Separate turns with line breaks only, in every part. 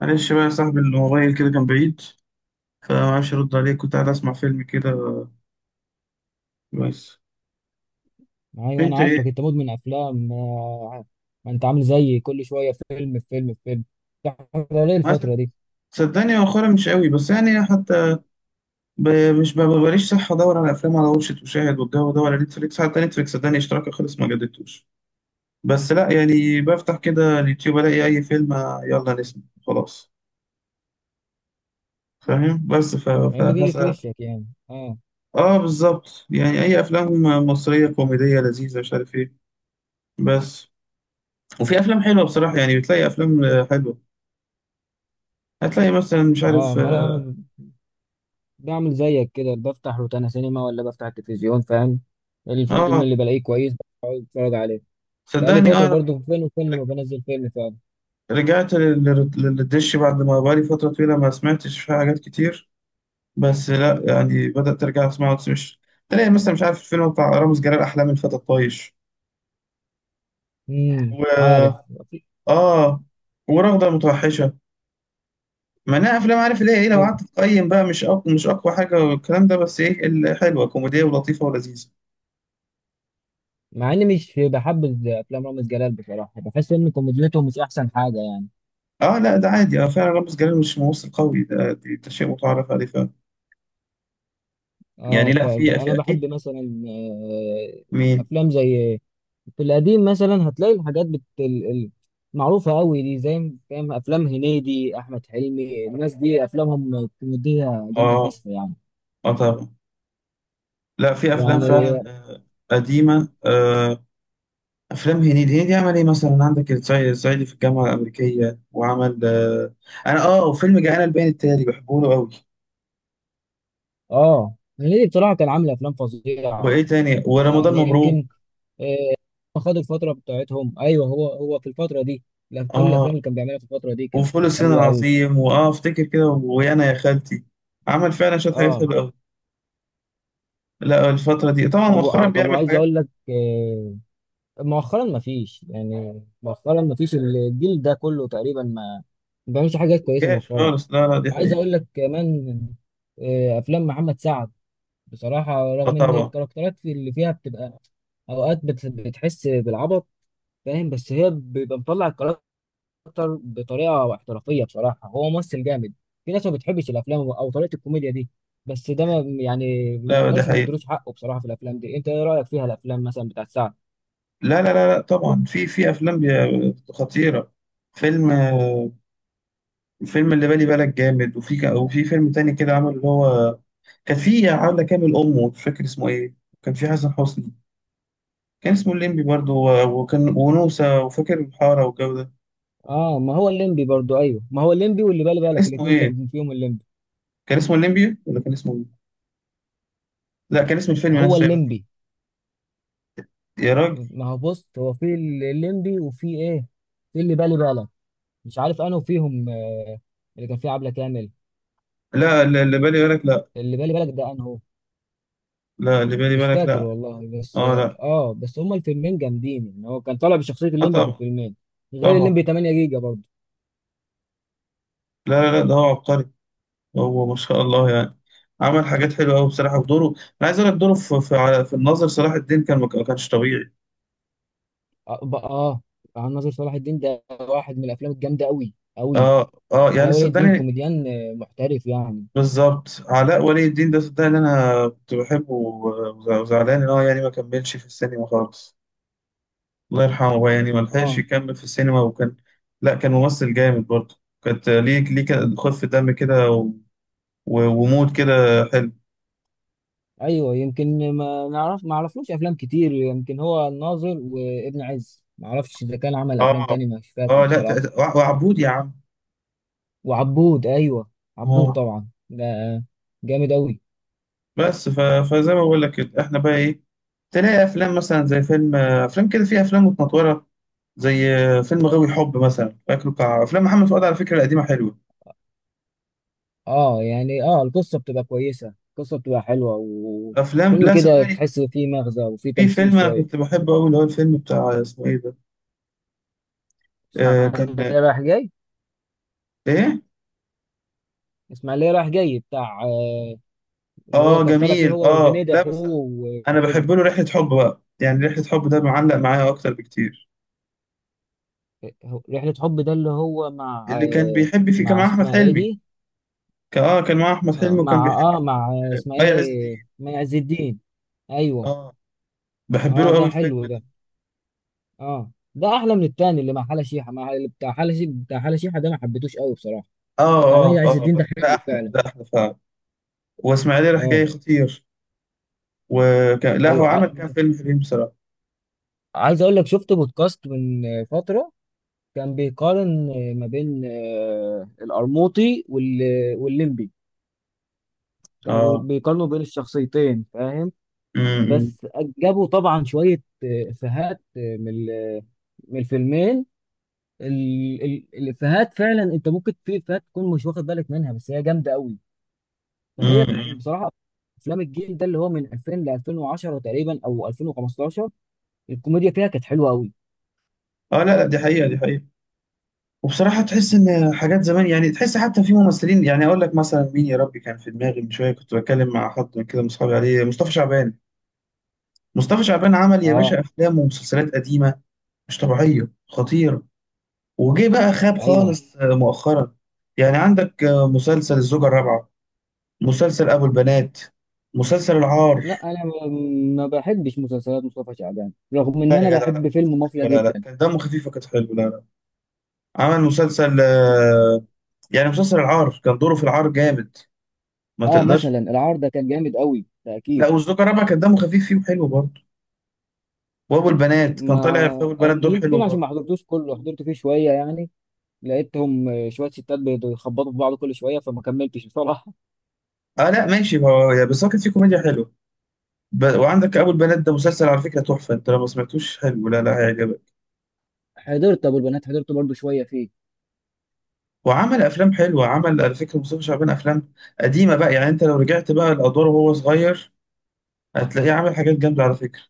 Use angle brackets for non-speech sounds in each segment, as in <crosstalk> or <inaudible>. معلش بقى يا صاحبي الموبايل كده كان بعيد، فمعرفش ارد عليك، كنت قاعد اسمع فيلم كده كويس.
ايوه انا
انت
عارفك،
ايه؟
انت مدمن افلام ما انت عامل زيي، كل شويه فيلم في فيلم. بتحضر ايه
عسل.
الفتره دي؟
صدقني مؤخرا مش قوي بس يعني، حتى ب... مش ب... ببقاليش صح ادور على افلام على وشة وشاهد والجو ده، ولا نتفليكس، حتى نتفليكس صدقني اشتراكي خلص ما جددتوش. بس لا يعني بفتح كده اليوتيوب الاقي اي فيلم، يلا نسمع خلاص. فاهم، بس
إيه اللي بيجي في
فهسأل.
وشك يعني؟ اه
اه بالظبط، يعني اي افلام مصرية كوميدية لذيذة مش عارف ايه بس. وفي افلام حلوه بصراحه، يعني بتلاقي افلام حلوه. هتلاقي مثلا مش
اه
عارف.
ما انا بعمل زيك كده، بفتح روتانا سينما ولا بفتح التلفزيون فاهم. الفيلم
اه.
اللي بلاقيه كويس بقعد اتفرج عليه. بقالي
صدقني
فتره
اه.
برضو فين وفين لما بنزل فيلم فعلا.
رجعت للدش بعد ما بقالي فترة طويلة ما سمعتش فيها حاجات كتير. بس لا يعني بدأت أرجع أسمعه، بس مش. تلاقي مثلا مش عارف الفيلم بتاع رامز جلال أحلام الفتى الطايش و...
عارف.
آه، ورغدة المتوحشة. ما أنا أفلام عارف اللي هي إيه، لو قعدت تقيم بقى مش أقوى مش أقوى حاجة والكلام ده، بس إيه، الحلوة كوميدية ولطيفة ولذيذة.
مع اني مش بحب افلام رامز جلال بصراحه، بحس ان كوميديته مش احسن حاجه.
آه لا ده عادي، آه فعلا رامز جلال مش ممثل قوي، ده شيء متعارف عليه فعلا. يعني
اه
لا في
فانا
في
بحب
أكيد.
مثلا
مين؟
افلام زي في القديم مثلا، هتلاقي الحاجات معروفة قوي دي، زي فاهم افلام هنيدي، احمد حلمي، الناس دي افلامهم كوميدية جامدة
آه.
فشخ يعني.
اه طبعا. لا في افلام فعلا
يعني
قديمه، افلام هنيدي. هنيدي عمل ايه مثلا؟ عندك الصعيدي في الجامعه الامريكيه، وعمل انا اه وفيلم جعان البيان التالي بحبه له قوي.
اه هنيدي بصراحة كان عامل افلام فظيعة
وايه تاني؟ ورمضان
يعني.
مبروك.
يمكن آه، خد الفترة بتاعتهم، ايوه هو في الفترة دي. لا، كل الافلام
اه
اللي كان بيعملها في الفترة دي كانت
وفول الصين
حلوة قوي
العظيم، واه افتكر كده ويانا يا خالتي. عمل فعلا شويه حاجات
اه.
حلوه قوي. لا الفتره دي طبعا مؤخرا
طب
بيعمل
وعايز اقول
حاجات.
لك، مؤخرا ما فيش، يعني مؤخرا ما فيش، الجيل ده كله تقريبا ما بيعملش حاجات
ما
كويسه
تجاش
مؤخرا.
خالص، لا لا دي
عايز
حقيقه.
اقول لك كمان، افلام محمد سعد بصراحه،
اه
رغم ان
طبعا.
الكاركترات في اللي فيها بتبقى اوقات بتحس بالعبط فاهم، بس هي بيبقى مطلع الكاركتر بطريقه احترافيه. بصراحه هو ممثل جامد. في ناس ما بتحبش الافلام او طريقه الكوميديا دي، بس ده ما يعني ما
لا دي
نقدرش ما
حقيقه.
ندروش حقه بصراحه في الافلام دي. انت ايه رايك فيها الافلام مثلا بتاعت سعد؟
لا لا لا, لا طبعا، في افلام خطيره. فيلم الفيلم اللي بالي بالك جامد. وفي وفي فيلم تاني كده عمل اللي هو، كان في عاملة كامل أمه، مش فاكر اسمه إيه. كان في حسن حسني، كان اسمه الليمبي برضه وكان ونوسة، وفاكر الحارة والجو ده.
اه ما هو الليمبي برضو، ايوه ما هو الليمبي واللي بالي
كان
بالك
اسمه
الاثنين
إيه؟
كان فيهم الليمبي.
كان اسمه الليمبي ولا كان اسمه إيه؟ لا كان اسم الفيلم
هو
نفسه يا راجل.
الليمبي،
يا راجل.
ما هو بص هو في الليمبي وفي ايه، في اللي بالي بالك. مش عارف انه فيهم آه، اللي كان فيه عبلة كامل.
لا اللي بالي بالك لا.
اللي بالي بالك ده انه
لا اللي بالي
مش
بالك
فاكر
لا.
والله، بس
آه
اه
لا.
بس هما الفيلمين جامدين يعني، هو كان طالع بشخصية
آه
الليمبي في
طبعا.
الفيلمين. غير
طبعا
الليمبي
طبعا.
8 جيجا برضو.
لا لا لا، ده هو عبقري. هو ما شاء الله يعني، عمل حاجات حلوة أوي بصراحة. ودوره، أنا عايز أقول لك، دوره في الناظر صلاح الدين كان ما كانش طبيعي.
اه, ب- آه عن ناصر صلاح الدين، ده واحد من الافلام الجامدة قوي قوي.
اه اه
على
يعني
ولي الدين
صدقني.
كوميديان محترف يعني.
بالظبط، علاء ولي الدين ده صدقني اللي انا كنت بحبه، وزعلان ان هو يعني ما كملش في السينما خالص. الله يرحمه بقى، يعني ما لحقش
اه
يكمل في السينما. وكان لا كان ممثل جامد برضه. كانت ليه، ليه كان خف دم كده ومود كده حلو.
ايوه يمكن ما نعرف ما عرفلوش افلام كتير، يمكن هو الناظر وابن عز، ما اعرفش اذا كان عمل افلام
اه
تانية، مش فاكر
اه لا
بصراحه.
وعبود يا عم.
وعبود ايوه، عبود
اه
طبعا ده جامد اوي.
بس فزي ما بقول لك كده، احنا بقى ايه. تلاقي افلام مثلا زي فيلم افلام كده فيها افلام متنطوره، زي فيلم غاوي حب مثلا فاكره، بتاع افلام محمد فؤاد على فكره القديمه حلوه.
اه يعني اه القصه بتبقى كويسه، القصه بتبقى حلوه،
افلام
وفيلم
لا
كده
صدقني،
تحس فيه مغزى وفيه
في
تمثيل
فيلم انا كنت
شويه.
بحبه قوي اللي هو الفيلم بتاع اسمه ايه ده. آه كان
اسماعيليه رايح جاي،
ايه؟
اسماعيليه رايح جاي بتاع آه، اللي هو
اه
كان طالع فيه
جميل،
هو
اه
وهنيدي
لا بس
اخوه
انا
وكده.
بحب له رحله حب بقى، يعني رحله حب ده معلق معايا اكتر بكتير.
رحله حب ده اللي هو مع
اللي كان
آه
بيحب فيه كان
مع
مع احمد
اسمها ايه
حلمي.
دي،
كان اه كان مع احمد حلمي وكان
مع
بيحب
اه مع اسمها
مي عز الدين.
ايه، مع عز الدين. ايوه
اه. بحب له
اه، ده
قوي الفيلم
حلو ده.
ده.
اه ده احلى من التاني اللي مع حلا شيحه، بتاع حلا شيحه ده ما حبيتهوش قوي بصراحه.
اه
بتاع مي
اه.
عز
اه
الدين
بس
ده
ده
حلو
احلى،
فعلا.
ده احلى فعلا. واسماعيليه راح
اه
جاي خطير. وكان، لا هو
ايوه
عمل كام فيلم حلوين بصراحه.
عايز اقول لك، شفت بودكاست من فتره كان بيقارن ما بين القرموطي والليمبي. كانوا
اه.
بيقارنوا بين الشخصيتين فاهم.
امم.
بس جابوا طبعا شويه افيهات من الفيلمين. الافيهات فعلا، انت ممكن في افيهات تكون مش واخد بالك منها بس هي جامده قوي. فهي
امم
بصراحه افلام الجيل ده اللي هو من 2000 ل 2010 تقريبا او 2015 الكوميديا فيها كانت حلوه قوي
اه. لا لا دي حقيقة، دي حقيقة. وبصراحة تحس ان حاجات زمان، يعني تحس حتى في ممثلين. يعني اقول لك مثلا مين يا ربي كان في دماغي، من شوية كنت بتكلم مع حد من كده من اصحابي عليه، مصطفى شعبان. مصطفى شعبان عمل يا
اه
باشا افلام ومسلسلات قديمة مش طبيعية خطيرة. وجه بقى خاب
ايوه.
خالص مؤخرا. يعني عندك مسلسل الزوجة الرابعة، مسلسل ابو البنات، مسلسل العار.
لا انا ما بحبش مسلسلات مصطفى شعبان، رغم ان
لا
انا
يا جدع، لا
بحب
كانت
فيلم مافيا
حلوة، لا لا
جدا.
كان دمه خفيف وكانت حلوة، لا لا. عمل مسلسل يعني مسلسل العار كان دوره في العار جامد، ما
اه
تقدرش.
مثلا العار ده كان جامد قوي ده
لا
اكيد.
والزوجة الرابعة كان دمه خفيف فيه وحلو برضه. وابو البنات كان
ما
طالع في ابو البنات
او
دور حلو
يمكن عشان ما
برضه.
حضرتوش كله، حضرت فيه شويه يعني، لقيتهم شويه ستات بيخبطوا في بعض كل شويه فما كملتش بصراحه.
اه لا ماشي، هو بس هو كان فيه كوميديا حلوه. وعندك ابو البنات ده مسلسل على فكره تحفه، انت لو ما سمعتوش حلو، لا لا هيعجبك.
حضرت ابو البنات، حضرته برضو شويه فيه.
وعمل افلام حلوه، عمل على فكره مصطفى شعبان افلام قديمه بقى، يعني انت لو رجعت بقى الادوار وهو صغير هتلاقيه عامل حاجات جامده على فكره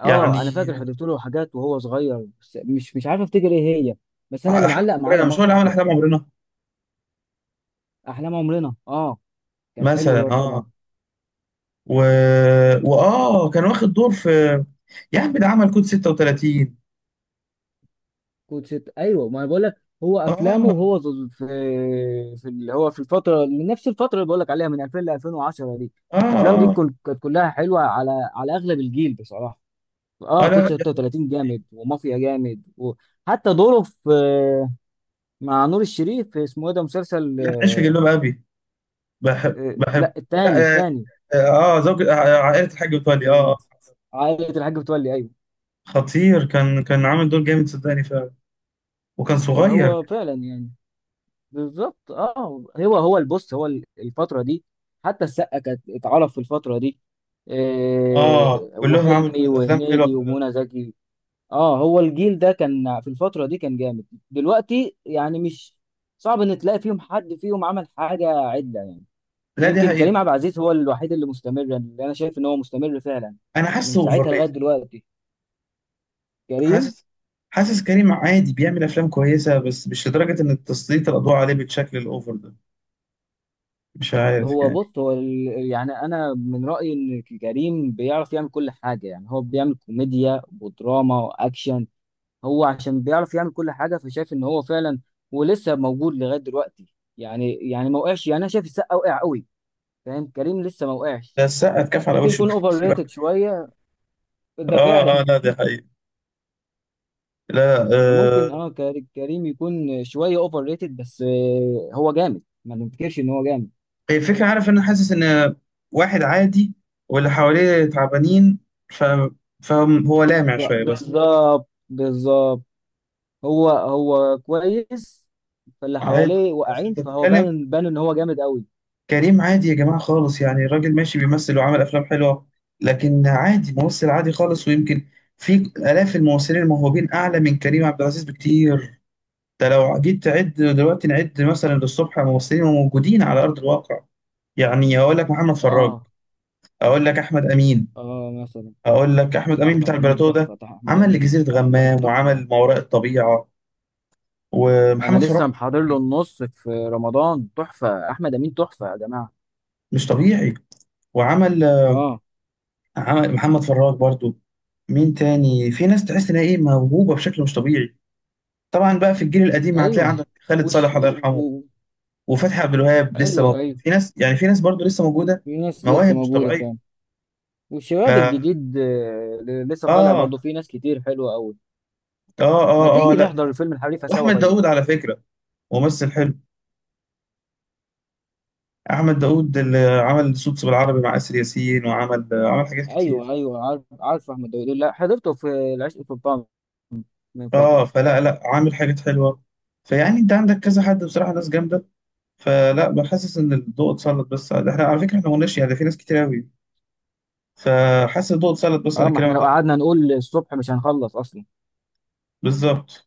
اه انا
يعني.
فاكر حضرت له حاجات وهو صغير، بس مش عارف افتكر ايه هي. بس انا اللي
احلام
معلق معايا
عمرنا، مش هو اللي عمل
مافيا.
احلام عمرنا؟
احلام عمرنا اه، كان حلو
مثلا
برضه طبعا.
اه. و... كان واخد دور في، يا عم ده عمل كود 36.
كود ست ايوه، ما انا بقول لك هو افلامه
آه
وهو في في اللي هو في الفتره، من نفس الفتره اللي بقول لك عليها من 2000 ل 2010 دي،
آه.
الافلام دي
آه
كانت كلها حلوه على على اغلب الجيل بصراحه.
آه
اه كود
لا ده-.
36 جامد، ومافيا جامد، وحتى دوره في مع نور الشريف في اسمه ايه ده مسلسل،
لا عيش في جلباب أبي. بحب
لا
بحب.
التاني
لا زوج عائلة الحاج متولي.
إيه. عائلة الحاج متولي أيوه.
خطير، كان كان عامل دور جامد صدقني فعلا، وكان صغير.
فهو فعلا يعني بالظبط اه، هو البص هو الفترة دي، حتى السقا كانت اتعرف في الفترة دي،
آه
إيه
كلهم عامل
وحلمي
أفلام حلوة
وهنيدي
فعلا.
ومنى زكي. اه هو الجيل ده كان في الفترة دي كان جامد. دلوقتي يعني مش، صعب ان تلاقي فيهم حد فيهم عمل حاجة عدلة يعني.
لا دي
يمكن كريم
حقيقة.
عبد العزيز هو الوحيد اللي مستمر، اللي انا شايف ان هو مستمر فعلا
أنا
من
حاسه أوفر
ساعتها لغاية
ريتد.
دلوقتي. كريم
حاسس. حاسس كريم عادي بيعمل أفلام كويسة بس مش لدرجة إن تسليط الأضواء عليه بالشكل الأوفر ده. مش عارف
هو
يعني.
بص هو يعني انا من رايي ان كريم بيعرف يعمل كل حاجه، يعني هو بيعمل كوميديا ودراما واكشن. هو عشان بيعرف يعمل كل حاجه، فشايف ان هو فعلا ولسه موجود لغايه دلوقتي يعني. يعني ما وقعش، يعني انا شايف السقا وقع قوي فاهم، كريم لسه ما وقعش.
ده السقا اتكف على
ممكن
وشه
يكون اوفر
<laughs>
ريتد شويه ده
اه اه
فعلا.
لا دي حقيقة. لا
<laughs>
آه.
فممكن اه، كريم يكون شويه اوفر ريتد، بس هو جامد ما ننكرش ان هو جامد.
هي الفكرة، عارف، انا حاسس ان واحد عادي واللي حواليه تعبانين، ف... فهو لامع شوية بس.
بالظبط بالظبط، هو كويس، فاللي
عادي.
حواليه
بس
واقعين
انت
فهو
بتتكلم.
بان ان هو جامد قوي.
كريم عادي يا جماعة خالص، يعني الراجل ماشي بيمثل وعمل افلام حلوة، لكن عادي ممثل عادي خالص. ويمكن في الاف الممثلين الموهوبين اعلى من كريم عبد العزيز بكتير. ده لو جيت تعد دلوقتي نعد مثلا للصبح ممثلين موجودين على ارض الواقع. يعني اقول لك محمد فراج،
اه
اقول لك احمد امين،
اه مثلا
اقول لك احمد امين
احمد
بتاع
امين
البلاتو ده.
تحفه، احمد
عمل
امين
لجزيره
تحفه
غمام
تحفه.
وعمل ما وراء الطبيعه.
انا
ومحمد فراج
لسه محضر له النص في رمضان، تحفه احمد امين تحفه يا جماعه.
مش طبيعي. وعمل،
اه
عمل محمد فراج برضو. مين تاني في ناس تحس انها ايه، موهوبه بشكل مش طبيعي؟ طبعا بقى في الجيل القديم هتلاقي
ايوه
عندك خالد
وش
صالح الله
و...
يرحمه،
و...
وفتحي عبد الوهاب لسه
ايوه
موجود،
ايوه
في ناس يعني، في ناس برضو لسه موجوده،
في ناس لسه
مواهب مش
موجوده
طبيعيه.
فعلا.
ف
والشباب
اه.
الجديد لسه طالع
اه
برضه، في ناس كتير حلوه قوي. ما
اه اه
تيجي
لا دي
نحضر
حقيقة.
الفيلم الحريفه سوا
واحمد
طيب.
داوود على فكره ممثل حلو. احمد داوود اللي عمل صوت بالعربي مع اسر ياسين، وعمل عمل حاجات
ايوه
كتير.
ايوه عارف عارف احمد داوود، لا حضرته في العشق في من فترة.
اه فلا لا عامل حاجات حلوه. فيعني انت عندك كذا حد بصراحه، ناس جامده. فلا بحسس ان الضوء اتسلط بس احنا على فكره احنا ما قلناش يعني ده في ناس كتير قوي. فحاسس الضوء اتسلط بس
اه
على
ما احنا
كلامك
لو
ده.
قعدنا نقول الصبح مش هنخلص اصلا.
بالظبط.